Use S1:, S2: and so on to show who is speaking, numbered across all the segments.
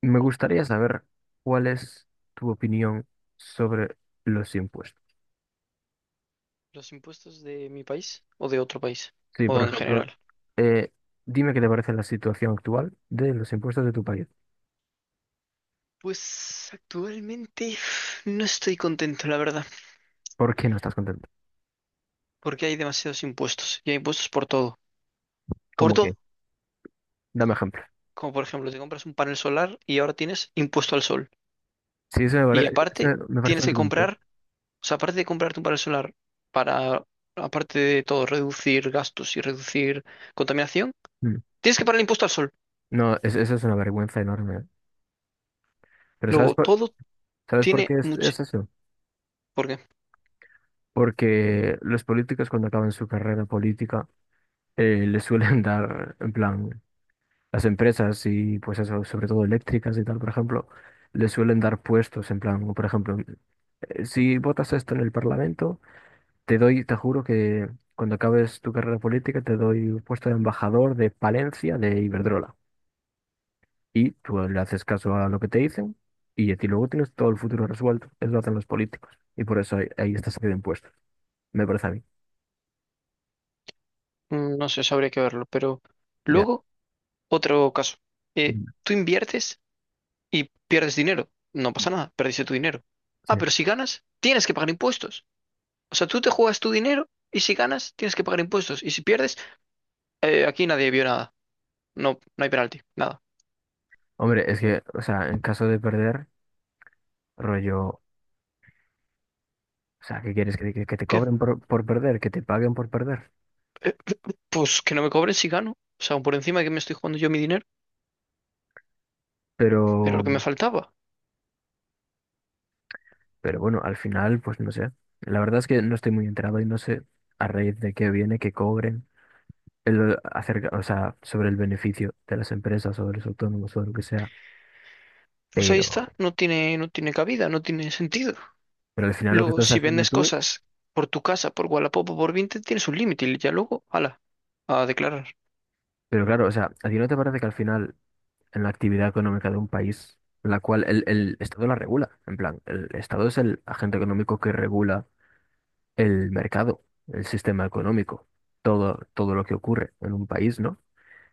S1: Me gustaría saber cuál es tu opinión sobre los impuestos.
S2: ¿Los impuestos de mi país o de otro país?
S1: Sí,
S2: ¿O
S1: por
S2: en
S1: ejemplo,
S2: general?
S1: eh, dime qué te parece la situación actual de los impuestos de tu país.
S2: Pues actualmente no estoy contento, la verdad,
S1: ¿Por qué no estás contento?
S2: porque hay demasiados impuestos y hay impuestos por todo. Por
S1: ¿Cómo que?
S2: todo.
S1: Dame ejemplo.
S2: Como por ejemplo, te compras un panel solar y ahora tienes impuesto al sol.
S1: Sí,
S2: Y
S1: eso
S2: aparte,
S1: me parece
S2: tienes que
S1: vergonzoso.
S2: comprar, o sea, aparte de comprarte un panel solar para, aparte de todo, reducir gastos y reducir contaminación,
S1: Mm.
S2: tienes que pagar el impuesto al sol.
S1: No, eso es una vergüenza enorme, ¿eh? Pero
S2: Luego, todo
S1: ¿sabes por
S2: tiene
S1: qué es,
S2: mucho.
S1: es eso?
S2: ¿Por qué?
S1: Porque los políticos, cuando acaban su carrera política, les suelen dar, en plan, las empresas y pues eso, sobre todo eléctricas y tal, por ejemplo, le suelen dar puestos, en plan, o, por ejemplo, si votas esto en el Parlamento, te doy, te juro que cuando acabes tu carrera política te doy un puesto de embajador de Palencia de Iberdrola. Y tú le haces caso a lo que te dicen y a ti luego tienes todo el futuro resuelto. Eso lo hacen los políticos. Y por eso ahí está saliendo impuestos, me parece a mí.
S2: No sé, eso habría que verlo, pero
S1: Ya.
S2: luego... Otro caso.
S1: Mm.
S2: Tú inviertes y pierdes dinero. No pasa nada, perdiste tu dinero.
S1: Sí.
S2: Ah, pero si ganas, tienes que pagar impuestos. O sea, tú te juegas tu dinero y si ganas, tienes que pagar impuestos. Y si pierdes, aquí nadie vio nada. No, no hay penalti, nada.
S1: Hombre, es que, o sea, en caso de perder, rollo. O sea, ¿qué quieres? ¿Que, que te
S2: ¿Qué?
S1: cobren por perder? ¿Que te paguen por perder?
S2: Eh, pues que no me cobren si gano. O sea, por encima de que me estoy jugando yo mi dinero, era
S1: Pero,
S2: lo que me faltaba.
S1: pero bueno, al final, pues no sé. La verdad es que no estoy muy enterado y no sé a raíz de qué viene que cobren el acerca, o sea, sobre el beneficio de las empresas, sobre los autónomos, sobre lo que sea.
S2: Pues ahí
S1: Pero,
S2: está, no tiene, no tiene cabida, no tiene sentido.
S1: pero al final lo que
S2: Luego,
S1: estás
S2: si
S1: haciendo
S2: vendes
S1: tú,
S2: cosas por tu casa, por Wallapop o por Vinted, tienes un límite y ya luego, ala, a declarar.
S1: pero claro, o sea, ¿a ti no te parece que al final, en la actividad económica de un país, la cual el Estado la regula? En plan, el Estado es el agente económico que regula el mercado, el sistema económico, todo, todo lo que ocurre en un país, ¿no?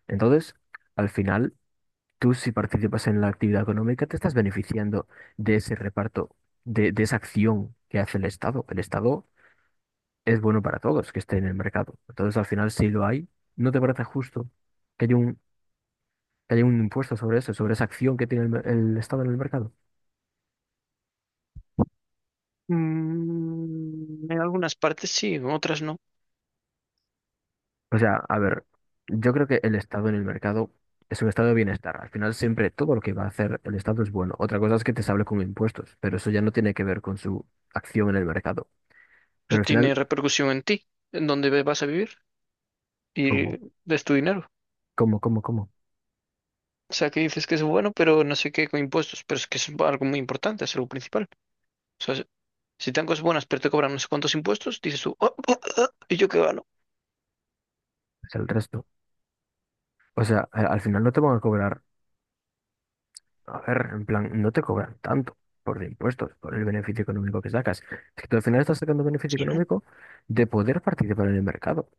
S1: Entonces, al final, tú, si participas en la actividad económica, te estás beneficiando de ese reparto, de esa acción que hace el Estado. El Estado es bueno para todos que esté en el mercado. Entonces, al final, si lo hay, ¿no te parece justo que haya un, que haya un impuesto sobre eso, sobre esa acción que tiene el, el Estado en el mercado?
S2: Mm, en algunas partes sí, en otras no.
S1: O sea, a ver, yo creo que el Estado en el mercado es un estado de bienestar. Al final, siempre todo lo que va a hacer el Estado es bueno. Otra cosa es que te sable con impuestos, pero eso ya no tiene que ver con su acción en el mercado.
S2: Pero
S1: Pero al
S2: tiene
S1: final,
S2: repercusión en ti, en dónde vas a vivir
S1: ¿cómo?
S2: y es tu dinero.
S1: ¿Cómo?
S2: O sea, que dices que es bueno, pero no sé qué con impuestos, pero es que es algo muy importante, es algo principal. O sea, si te dan cosas buenas, pero te cobran no sé cuántos impuestos, dices tú, "Oh, oh, oh, ¿y yo qué gano?
S1: Es el resto. O sea, al final no te van a cobrar, a ver, en plan, no te cobran tanto por los impuestos, por el beneficio económico que sacas. Es que tú al final estás sacando beneficio económico de poder participar en el mercado.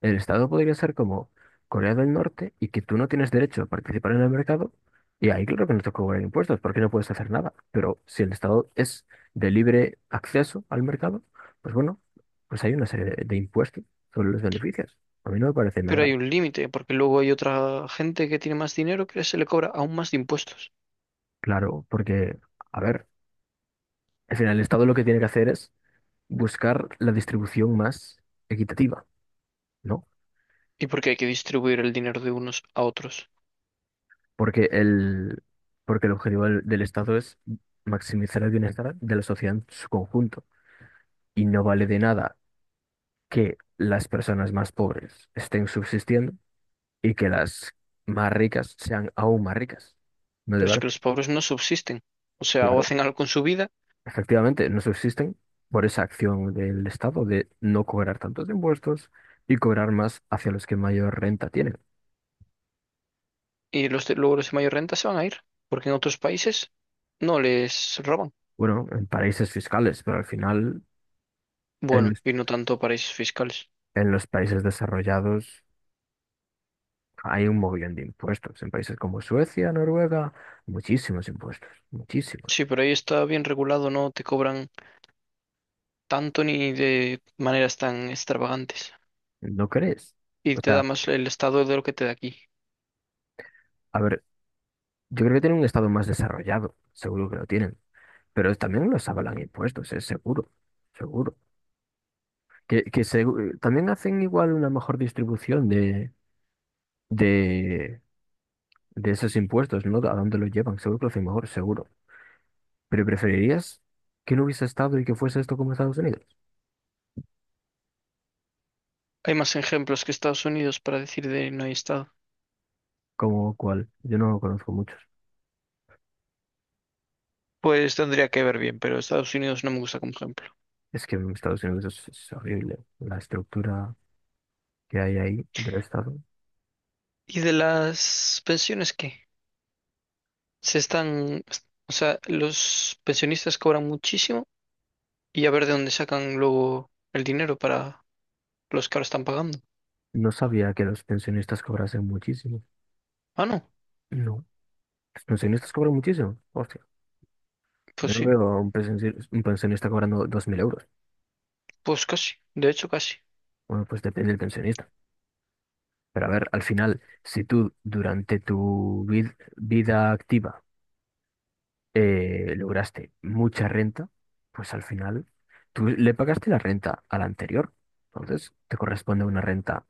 S1: El Estado podría ser como Corea del Norte y que tú no tienes derecho a participar en el mercado, y ahí claro que no te cobran impuestos porque no puedes hacer nada. Pero si el Estado es de libre acceso al mercado, pues bueno, pues hay una serie de impuestos sobre los beneficios. A mí no me parece
S2: Pero hay
S1: nada
S2: un límite, porque luego hay otra gente que tiene más dinero que se le cobra aún más de impuestos.
S1: claro porque, a ver, al final el Estado lo que tiene que hacer es buscar la distribución más equitativa, ¿no?
S2: Y porque hay que distribuir el dinero de unos a otros.
S1: Porque el, porque el objetivo del Estado es maximizar el bienestar de la sociedad en su conjunto, y no vale de nada que las personas más pobres estén subsistiendo y que las más ricas sean aún más ricas. ¿No, de
S2: Pero es
S1: verdad?
S2: que los pobres no subsisten. O sea, o
S1: Claro.
S2: hacen algo con su vida,
S1: Efectivamente, no subsisten por esa acción del Estado de no cobrar tantos impuestos y cobrar más hacia los que mayor renta tienen.
S2: y los de, luego los de mayor renta se van a ir, porque en otros países no les roban.
S1: Bueno, en paraísos fiscales, pero al final en
S2: Bueno,
S1: los,
S2: y no tanto paraísos fiscales.
S1: en los países desarrollados hay un mogollón de impuestos. En países como Suecia, Noruega, muchísimos impuestos, muchísimos.
S2: Sí, pero ahí está bien regulado, no te cobran tanto ni de maneras tan extravagantes.
S1: ¿No crees?
S2: Y
S1: O
S2: te da
S1: sea,
S2: más el Estado de lo que te da aquí.
S1: a ver, yo creo que tienen un estado más desarrollado, seguro que lo tienen, pero también los avalan impuestos, es seguro, seguro. Que también hacen igual una mejor distribución de, de esos impuestos, ¿no? ¿A dónde los llevan? Seguro que lo hacen mejor, seguro. Pero ¿preferirías que no hubiese estado y que fuese esto como Estados Unidos?
S2: Hay más ejemplos que Estados Unidos para decir de no hay Estado.
S1: ¿Como cuál? Yo no conozco muchos.
S2: Pues tendría que ver bien, pero Estados Unidos no me gusta como ejemplo.
S1: Es que en Estados Unidos es horrible la estructura que hay ahí del Estado.
S2: ¿Y de las pensiones qué? Se están, o sea, los pensionistas cobran muchísimo y a ver de dónde sacan luego el dinero para los que ahora están pagando.
S1: No sabía que los pensionistas cobrasen muchísimo.
S2: Ah, no,
S1: No. Los pensionistas cobran muchísimo. Hostia.
S2: pues
S1: Yo no
S2: sí,
S1: veo a un pensionista cobrando 2000 euros.
S2: pues casi, de hecho casi.
S1: Bueno, pues depende del pensionista. Pero, a ver, al final, si tú durante tu vida activa lograste mucha renta, pues al final tú le pagaste la renta a la anterior. Entonces, te corresponde una renta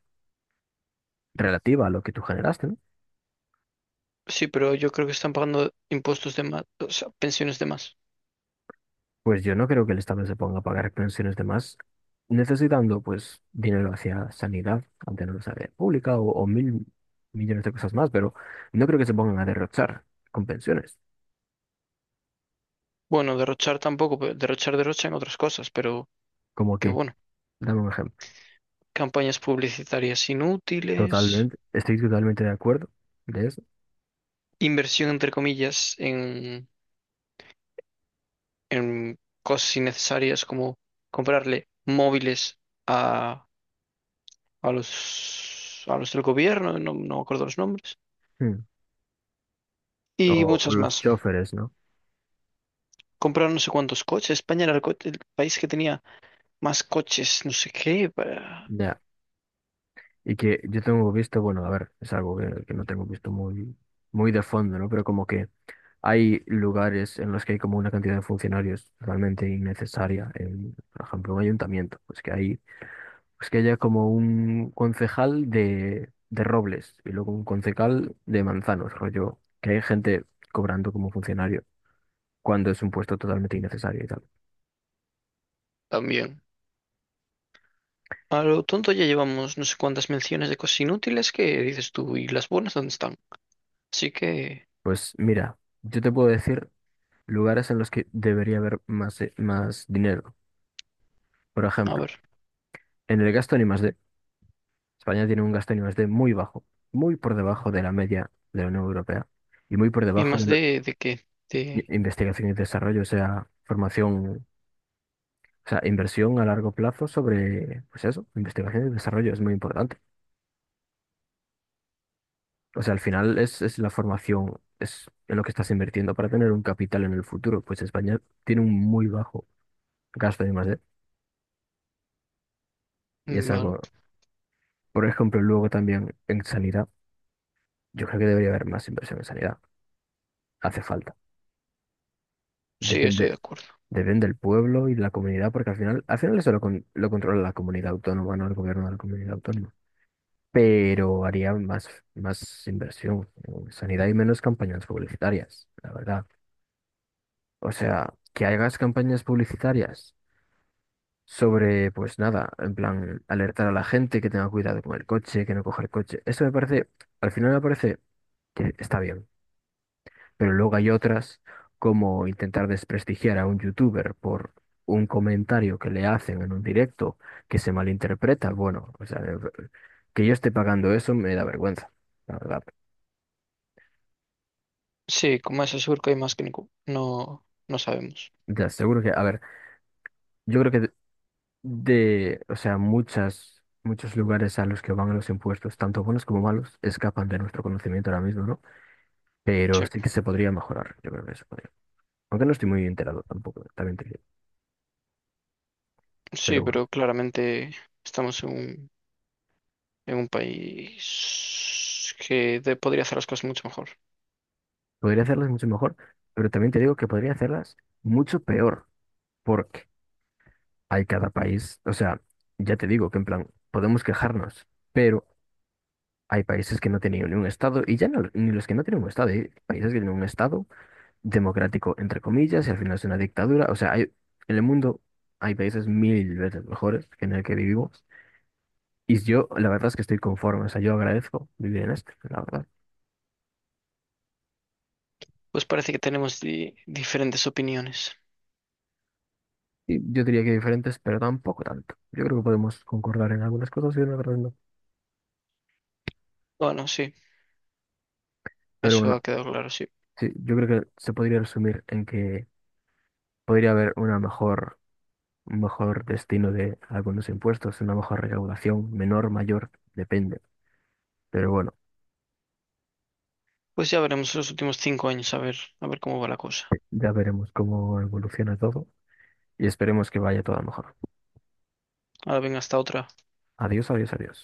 S1: relativa a lo que tú generaste, ¿no?
S2: Sí, pero yo creo que están pagando impuestos de más, o sea, pensiones de más.
S1: Pues yo no creo que el Estado se ponga a pagar pensiones de más, necesitando pues dinero hacia sanidad, ante mantener sanidad pública o mil millones de cosas más, pero no creo que se pongan a derrochar con pensiones.
S2: Bueno, derrochar tampoco, pero derrochar derrocha en otras cosas, pero
S1: Como
S2: qué
S1: que,
S2: bueno.
S1: dame un ejemplo.
S2: Campañas publicitarias inútiles,
S1: Totalmente, estoy totalmente de acuerdo de eso.
S2: inversión entre comillas en cosas innecesarias como comprarle móviles a, a los del gobierno, no, no me acuerdo los nombres,
S1: Mm.
S2: y
S1: O
S2: muchas
S1: los
S2: más.
S1: choferes, ¿no?
S2: Compraron no sé cuántos coches. España era el, el país que tenía más coches, no sé qué, para...
S1: Ya. Y que yo tengo visto, bueno, a ver, es algo que no tengo visto muy, muy de fondo, ¿no? Pero como que hay lugares en los que hay como una cantidad de funcionarios totalmente innecesaria. En, por ejemplo, un ayuntamiento, pues que hay, pues que haya como un concejal de Robles y luego un concejal de Manzanos, rollo, que hay gente cobrando como funcionario cuando es un puesto totalmente innecesario y tal.
S2: También. A lo tonto ya llevamos no sé cuántas menciones de cosas inútiles que dices tú, ¿y las buenas dónde están? Así que,
S1: Pues mira, yo te puedo decir lugares en los que debería haber más, más dinero. Por
S2: a
S1: ejemplo,
S2: ver,
S1: en el gasto en I+D. España tiene un gasto en I+D muy bajo, muy por debajo de la media de la Unión Europea y muy por
S2: ¿y
S1: debajo
S2: más
S1: de la
S2: de qué? De...
S1: investigación y desarrollo, o sea, formación, o sea, inversión a largo plazo sobre, pues eso, investigación y desarrollo es muy importante. O sea, al final es la formación, es en lo que estás invirtiendo para tener un capital en el futuro. Pues España tiene un muy bajo gasto en I+D y es
S2: Vale.
S1: algo, por ejemplo, luego también en sanidad, yo creo que debería haber más inversión en sanidad, hace falta.
S2: Sí, estoy de
S1: Depende,
S2: acuerdo.
S1: depende del pueblo y de la comunidad, porque al final eso lo, lo controla la comunidad autónoma, no el gobierno de la comunidad autónoma. Pero haría más, más inversión en sanidad y menos campañas publicitarias, la verdad. O sea, que hagas campañas publicitarias sobre, pues nada, en plan, alertar a la gente que tenga cuidado con el coche, que no coja el coche. Eso me parece, al final me parece que está bien. Pero luego hay otras, como intentar desprestigiar a un youtuber por un comentario que le hacen en un directo que se malinterpreta. Bueno, o sea, que yo esté pagando eso me da vergüenza, la verdad.
S2: Sí, como es seguro que hay más que ningún- No, no sabemos.
S1: Ya, seguro que, a ver, yo creo que de, o sea, muchas, muchos lugares a los que van los impuestos, tanto buenos como malos, escapan de nuestro conocimiento ahora mismo, ¿no? Pero
S2: Sí,
S1: sí que se podría mejorar, yo creo que se podría. Aunque no estoy muy enterado tampoco, también te digo.
S2: sí,
S1: Pero bueno.
S2: pero claramente estamos en un país que podría hacer las cosas mucho mejor.
S1: Podría hacerlas mucho mejor, pero también te digo que podría hacerlas mucho peor, porque hay cada país, o sea, ya te digo que, en plan, podemos quejarnos, pero hay países que no tienen ni un estado, y ya no, ni los que no tienen un estado, hay países que tienen un estado democrático, entre comillas, y al final es una dictadura, o sea, hay, en el mundo hay países mil veces mejores que en el que vivimos, y yo la verdad es que estoy conforme, o sea, yo agradezco vivir en este, la verdad.
S2: Pues parece que tenemos diferentes opiniones.
S1: Y yo diría que diferentes, pero tampoco tanto. Yo creo que podemos concordar en algunas cosas y en otras no.
S2: Bueno, sí,
S1: Pero
S2: eso
S1: bueno,
S2: ha quedado claro, sí.
S1: sí, yo creo que se podría resumir en que podría haber una mejor, un mejor destino de algunos impuestos, una mejor recaudación, menor, mayor, depende. Pero bueno,
S2: Pues ya veremos los últimos 5 años, a ver cómo va la cosa.
S1: ya veremos cómo evoluciona todo y esperemos que vaya todo a mejor.
S2: Ahora venga, hasta otra.
S1: Adiós, adiós, adiós.